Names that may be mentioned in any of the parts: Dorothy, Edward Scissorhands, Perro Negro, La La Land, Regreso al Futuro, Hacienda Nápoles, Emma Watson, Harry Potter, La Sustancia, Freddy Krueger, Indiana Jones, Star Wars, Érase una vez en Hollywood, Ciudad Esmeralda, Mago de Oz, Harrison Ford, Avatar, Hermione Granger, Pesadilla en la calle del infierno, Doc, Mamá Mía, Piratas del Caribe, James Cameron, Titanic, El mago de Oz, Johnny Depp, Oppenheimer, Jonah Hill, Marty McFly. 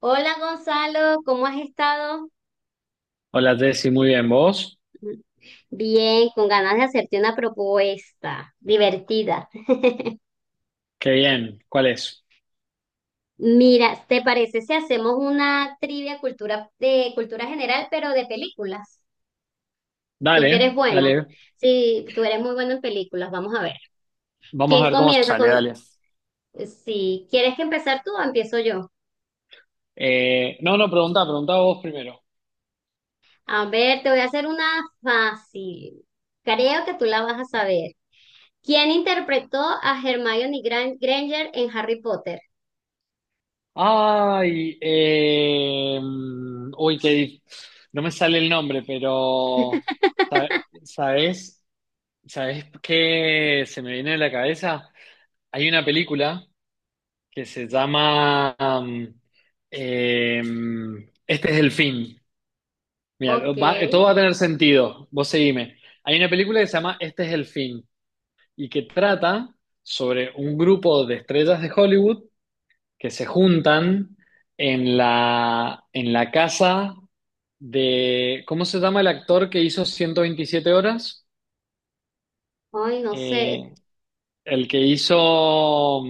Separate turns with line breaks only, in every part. Hola Gonzalo, ¿cómo has estado?
Hola Jessy, muy bien. ¿Vos?
Bien, con ganas de hacerte una propuesta divertida.
Qué bien. ¿Cuál es?
Mira, ¿te parece si hacemos una trivia cultura, de cultura general, pero de películas? Tú que eres
Dale,
bueno.
dale.
Sí, tú eres muy bueno en películas, vamos a ver.
Vamos
¿Quién
a ver cómo
comienza
sale,
con...
dale.
si quieres que empezar tú o empiezo yo?
No, no, pregunta, pregunta vos primero.
A ver, te voy a hacer una fácil. Creo que tú la vas a saber. ¿Quién interpretó a Hermione Granger en Harry Potter?
Ay, uy, no me sale el nombre, pero sa- ¿sabés? ¿Sabés qué se me viene a la cabeza? Hay una película que se llama eh, Este es el fin. Mira,
Ok, ay,
todo va a tener sentido. Vos seguime. Hay una película que se llama Este es el fin y que trata sobre un grupo de estrellas de Hollywood que se juntan en la casa de, ¿cómo se llama el actor que hizo 127 horas?
no sé.
Eh, el que hizo,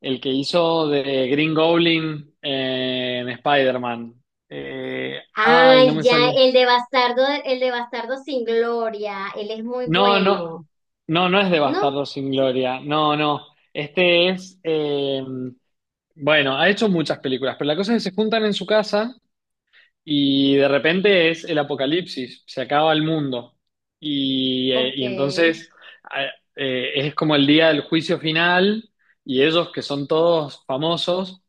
el que hizo de Green Goblin, en Spider-Man. Ay, no
Ay,
me
ya,
sale.
el de Bastardo sin Gloria, él es muy
No, no,
bueno,
no, no es de
¿no?
Bastardos sin Gloria. No, no. Este es, bueno, ha hecho muchas películas, pero la cosa es que se juntan en su casa y de repente es el apocalipsis, se acaba el mundo. Y, eh,
Ok,
y entonces a- es como el día del juicio final, y ellos, que son todos famosos,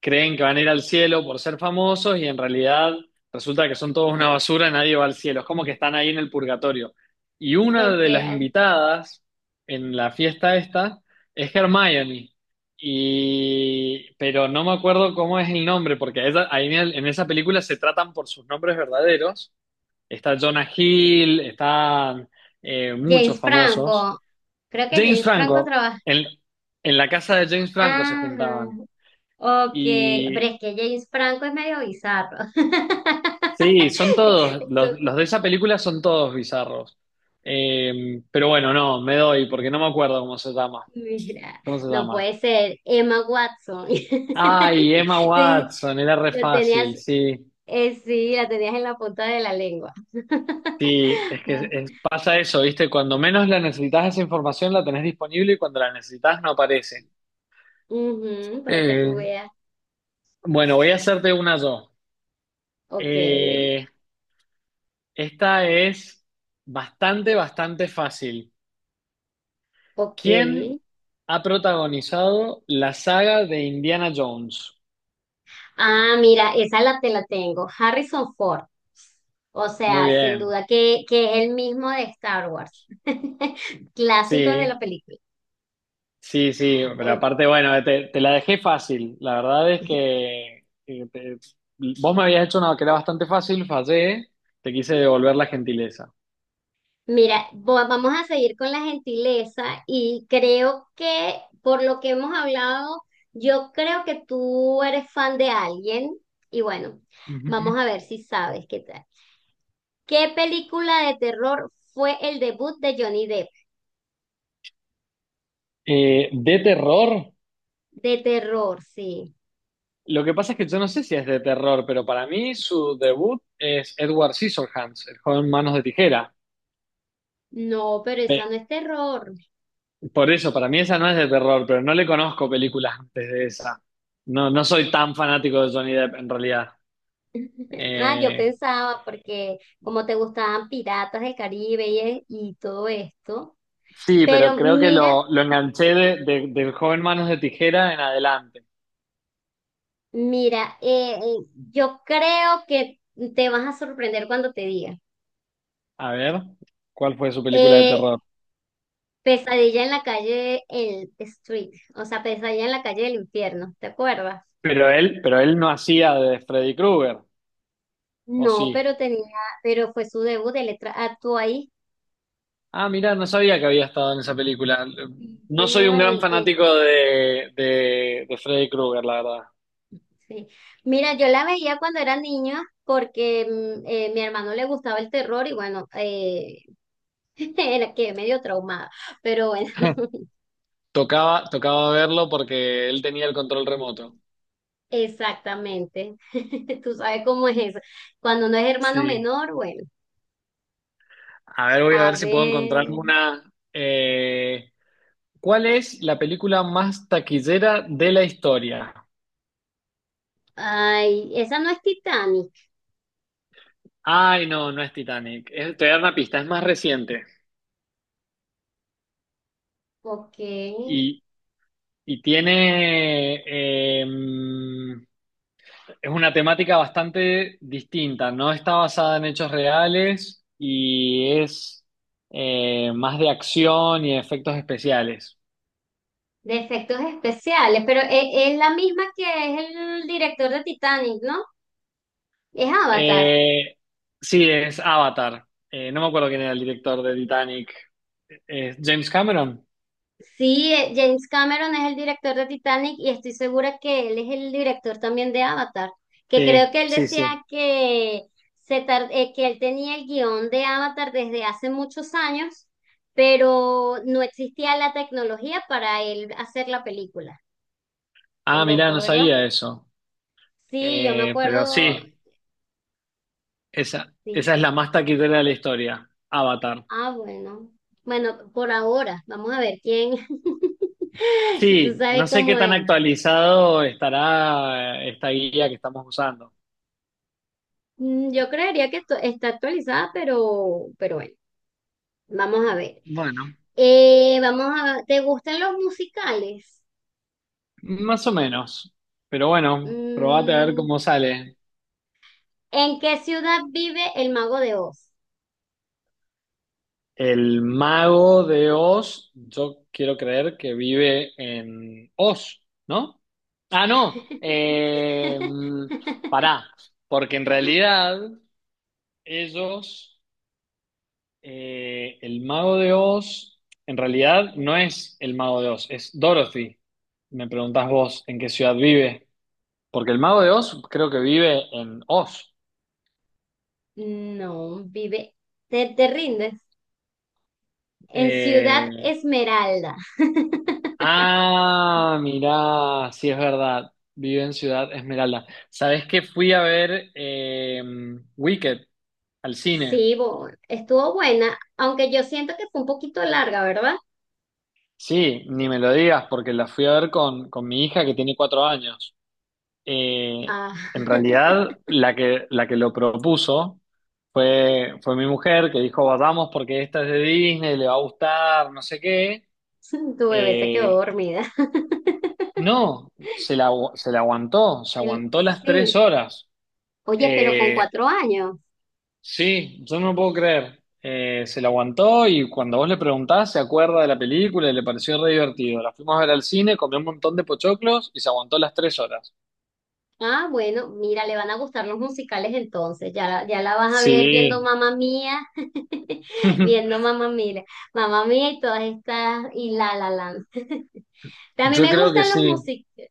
creen que van a ir al cielo por ser famosos, y en realidad resulta que son todos una basura, nadie va al cielo, es como que están ahí en el purgatorio. Y una
ok,
de las
ay.
invitadas en la fiesta esta es Hermione, pero no me acuerdo cómo es el nombre, porque en esa película se tratan por sus nombres verdaderos. Está Jonah Hill, están, muchos
James
famosos.
Franco, creo que
James
James Franco
Franco,
trabaja.
en, en la casa de James Franco se
Ajá,
juntaban.
ok, pero
Y
es que James Franco es medio bizarro.
sí, son todos,
Eso,
los de esa película son todos bizarros. Pero bueno, no, me doy, porque no me acuerdo cómo se llama.
mira,
¿Cómo se
no
llama?
puede ser Emma Watson.
Ay, Emma
Entonces,
Watson, era re
lo
fácil,
tenías,
sí.
sí, la tenías en la punta de la lengua.
Sí, es que pasa eso, ¿viste? Cuando menos la necesitas esa información la tenés disponible, y cuando la necesitas no aparece.
Ujú, para que tú
Eh,
veas.
bueno, voy a hacerte una yo.
Ok,
Eh, Esta es bastante, bastante fácil.
ok.
¿Quién ha protagonizado la saga de Indiana Jones?
Ah, mira, esa la te la tengo. Harrison Ford. O
Muy
sea, sin
bien,
duda que es el mismo de Star Wars. Clásicos de
sí,
la película.
sí, sí, pero
Ok.
aparte, bueno, te la dejé fácil. La verdad es que, vos me habías hecho una que era bastante fácil, fallé, te quise devolver la gentileza.
Mira, vamos a seguir con la gentileza y creo que por lo que hemos hablado, yo creo que tú eres fan de alguien y bueno,
Ujú.
vamos a ver si sabes qué tal. ¿Qué película de terror fue el debut de Johnny Depp?
De terror,
De terror, sí.
lo que pasa es que yo no sé si es de terror, pero para mí su debut es Edward Scissorhands, el joven Manos de Tijera.
No, pero esa no es terror.
Por eso, para mí esa no es de terror, pero no le conozco películas antes de esa. No, no soy tan fanático de Johnny Depp en realidad.
Ah, yo
Eh,
pensaba, porque como te gustaban Piratas del Caribe y todo esto.
Sí, pero
Pero
creo que
mira,
lo enganché del joven Manos de Tijera en adelante.
mira, yo creo que te vas a sorprender cuando te diga.
A ver, ¿cuál fue su película de
Eh,
terror?
Pesadilla en la calle, el Street, o sea, Pesadilla en la calle del infierno, ¿te acuerdas?
Pero él no hacía de Freddy Krueger, ¿o
No,
sí?
pero tenía, pero fue su debut de letra. Actuó ahí.
Ah, mira, no sabía que había estado en esa película.
Sí,
No soy un
señor.
gran fanático de Freddy Krueger, la verdad.
Sí. Mira, yo la veía cuando era niña porque mi hermano le gustaba el terror y bueno, era que medio traumada. Pero bueno,
Tocaba, tocaba verlo porque él tenía el control remoto.
exactamente. Tú sabes cómo es eso. Cuando no es hermano
Sí.
menor, bueno,
A ver, voy a
a
ver si puedo encontrar
ver.
una. ¿Cuál es la película más taquillera de la historia?
Ay, esa no es Titanic.
Ay, no, no es Titanic. Te voy a dar una pista, es más reciente.
Ok,
Y, y tiene, em, es una temática bastante distinta, no está basada en hechos reales y es, más de acción y efectos especiales.
de efectos especiales, pero es, la misma que es el director de Titanic, ¿no? Es Avatar.
Eh, sí, es Avatar. No me acuerdo quién era el director de Titanic. ¿James Cameron?
Sí, James Cameron es el director de Titanic y estoy segura que él es el director también de Avatar, que creo
Sí,
que él
sí,
decía
sí.
que, que él tenía el guión de Avatar desde hace muchos años, pero no existía la tecnología para él hacer la película. Qué
Ah, mirá,
loco,
no
¿verdad?
sabía eso.
Sí, yo me
Pero
acuerdo,
sí, esa,
sí.
esa es la más taquitera de la historia, Avatar.
Ah, bueno. Bueno, por ahora, vamos a ver quién. Tú
Sí,
sabes
no sé qué
cómo
tan
es.
actualizado estará, esta guía que estamos usando.
Mm, yo creería que esto está actualizada, pero bueno, vamos a ver.
Bueno,
Vamos a, ¿te gustan los musicales?
más o menos. Pero bueno, probate a ver
Mm,
cómo sale.
¿en qué ciudad vive el Mago de Oz?
El mago de Oz, yo quiero creer que vive en Oz, ¿no? Ah, no. Pará, porque en realidad ellos. El mago de Oz, en realidad no es el mago de Oz, es Dorothy. Me preguntás vos en qué ciudad vive, porque el mago de Oz creo que vive en Oz.
No, vive. ¿Te, te rindes? En Ciudad
Eh,
Esmeralda.
ah, mirá, sí es verdad, vive en Ciudad Esmeralda. ¿Sabés que fui a ver, Wicked al cine?
Sí, estuvo buena, aunque yo siento que fue un poquito larga, ¿verdad?
Sí, ni me lo digas, porque la fui a ver con mi hija que tiene 4 años. Eh,
Ah,
en realidad, la que lo propuso fue mi mujer, que dijo, vamos porque esta es de Disney, le va a gustar, no sé qué.
tu bebé se quedó
Eh,
dormida.
no, se la aguantó, se
Sí,
aguantó las tres
sí.
horas.
Oye, pero con
Eh,
4 años.
sí, yo no lo puedo creer. Se la aguantó y cuando vos le preguntás, se acuerda de la película y le pareció re divertido. La fuimos a ver al cine, comió un montón de pochoclos y se aguantó las 3 horas.
Ah, bueno, mira, le van a gustar los musicales entonces. Ya, ya la vas a ver viendo
Sí,
Mamá Mía, viendo Mamá Mía, Mamá Mía y todas estas, y La La Land. A mí
yo
me
creo que
gustan los
sí.
musicales.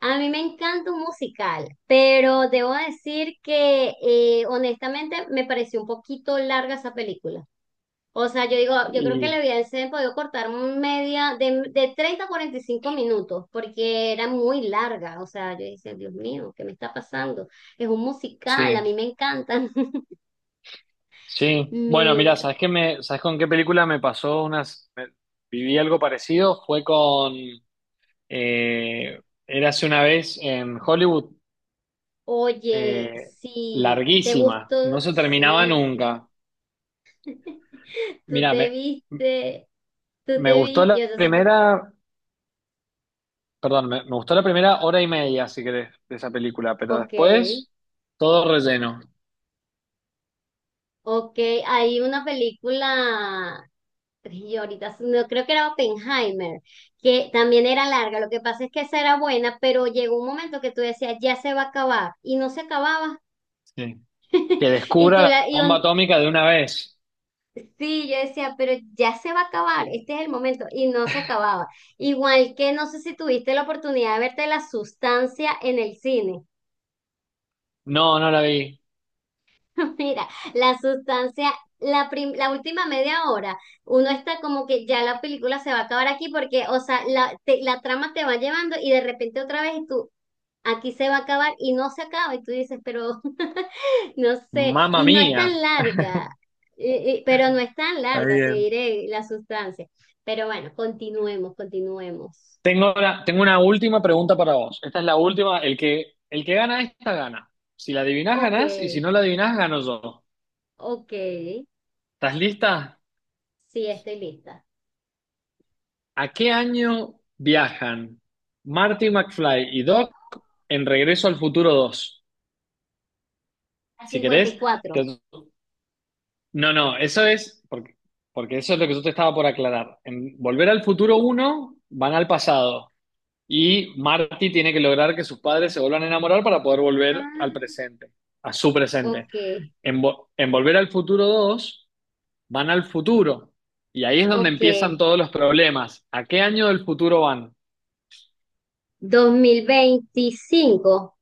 A mí me encanta un musical, pero debo decir que honestamente me pareció un poquito larga esa película. O sea, yo digo, yo creo que le
Y,
hubiesen podido cortar un media de 30 a 45 minutos porque era muy larga. O sea, yo decía, Dios mío, ¿qué me está pasando? Es un musical, a
sí,
mí me encantan.
sí. Bueno, mira,
Mira,
¿sabes con qué película me pasó viví algo parecido? Fue con, eh, Érase una vez en Hollywood,
oye,
eh,
sí, ¿te
larguísima,
gustó?
no se terminaba
Sí, sí.
nunca.
Tú
Mira,
te
me,
viste, tú
me
te
gustó
viste,
la
yo entonces, pues,
primera, perdón, me gustó la primera hora y media, si querés, de esa película, pero
ok.
después todo relleno.
Ok, hay una película, y ahorita no creo que era Oppenheimer, que también era larga. Lo que pasa es que esa era buena, pero llegó un momento que tú decías, ya se va a acabar, y no se acababa.
Sí. Que
Y
descubra
tú
la
la,
bomba atómica de una vez.
sí, yo decía, pero ya se va a acabar, este es el momento, y no se acababa. Igual que no sé si tuviste la oportunidad de verte La Sustancia en el cine.
No, no la vi.
Mira, la sustancia, la última media hora, uno está como que ya la película se va a acabar aquí porque, o sea, la trama te va llevando y de repente otra vez y tú, aquí se va a acabar y no se acaba y tú dices, pero no sé,
Mamma
y no es
mía.
tan larga, pero no es tan larga, te diré la sustancia. Pero bueno, continuemos, continuemos.
Tengo una última pregunta para vos. Esta es la última. El que gana esta gana. Si la adivinás,
Ok,
ganás. Y si no la adivinás, gano yo.
ok,
¿Estás lista?
sí, estoy lista.
¿A qué año viajan Marty McFly y Doc en Regreso al Futuro 2?
A
Si querés.
54,
te- No, no, eso es. Porque eso es lo que yo te estaba por aclarar. En Volver al Futuro uno van al pasado. Y Marty tiene que lograr que sus padres se vuelvan a enamorar para poder volver al
ah,
presente, a su presente.
ok.
En Volver al Futuro dos van al futuro, y ahí es donde
Ok,
empiezan todos los problemas. ¿A qué año del futuro van?
2025,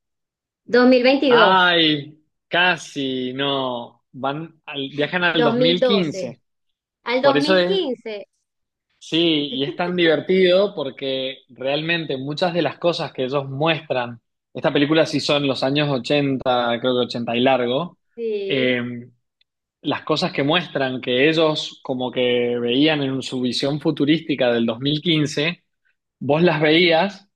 2022,
Ay, casi no. Van viajan al
dos
dos
mil
mil
doce,
quince.
al
Por
dos
eso
mil
es,
quince.
sí, y es tan divertido porque realmente muchas de las cosas que ellos muestran, esta película sí son los años 80, creo que 80 y largo,
Sí,
eh, las cosas que muestran que ellos como que veían en su visión futurística del 2015, vos las veías,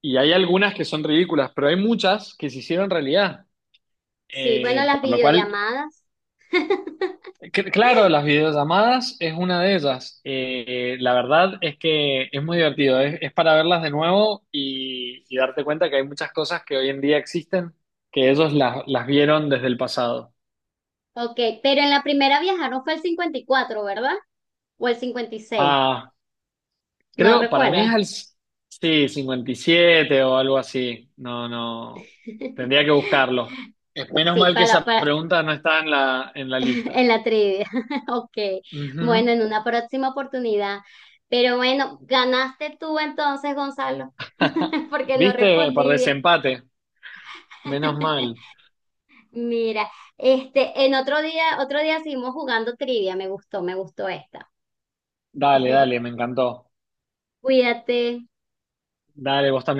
y hay algunas que son ridículas, pero hay muchas que se hicieron realidad.
sí, bueno, las
Por lo cual,
videollamadas.
claro, las videollamadas es una de ellas. La verdad es que es muy divertido, es para verlas de nuevo y darte cuenta que hay muchas cosas que hoy en día existen, que ellos las vieron desde el pasado.
Ok, pero en la primera viajaron fue el 54, ¿verdad? O el 56.
Ah,
No
creo, para mí es
recuerdas.
al, sí, 57 o algo así. No, no. Tendría que buscarlo. Es menos
Sí,
mal que esa
para,
pregunta no está en la, en la
en
lista.
la trivia. Ok, bueno,
Ujú.
en una próxima oportunidad. Pero bueno, ganaste tú entonces, Gonzalo, porque no
¿Viste? Por
respondí bien.
desempate. Menos mal.
Mira, este, en otro día seguimos jugando trivia, me gustó esta.
Dale, dale, me encantó.
Cuídate.
Dale, vos también.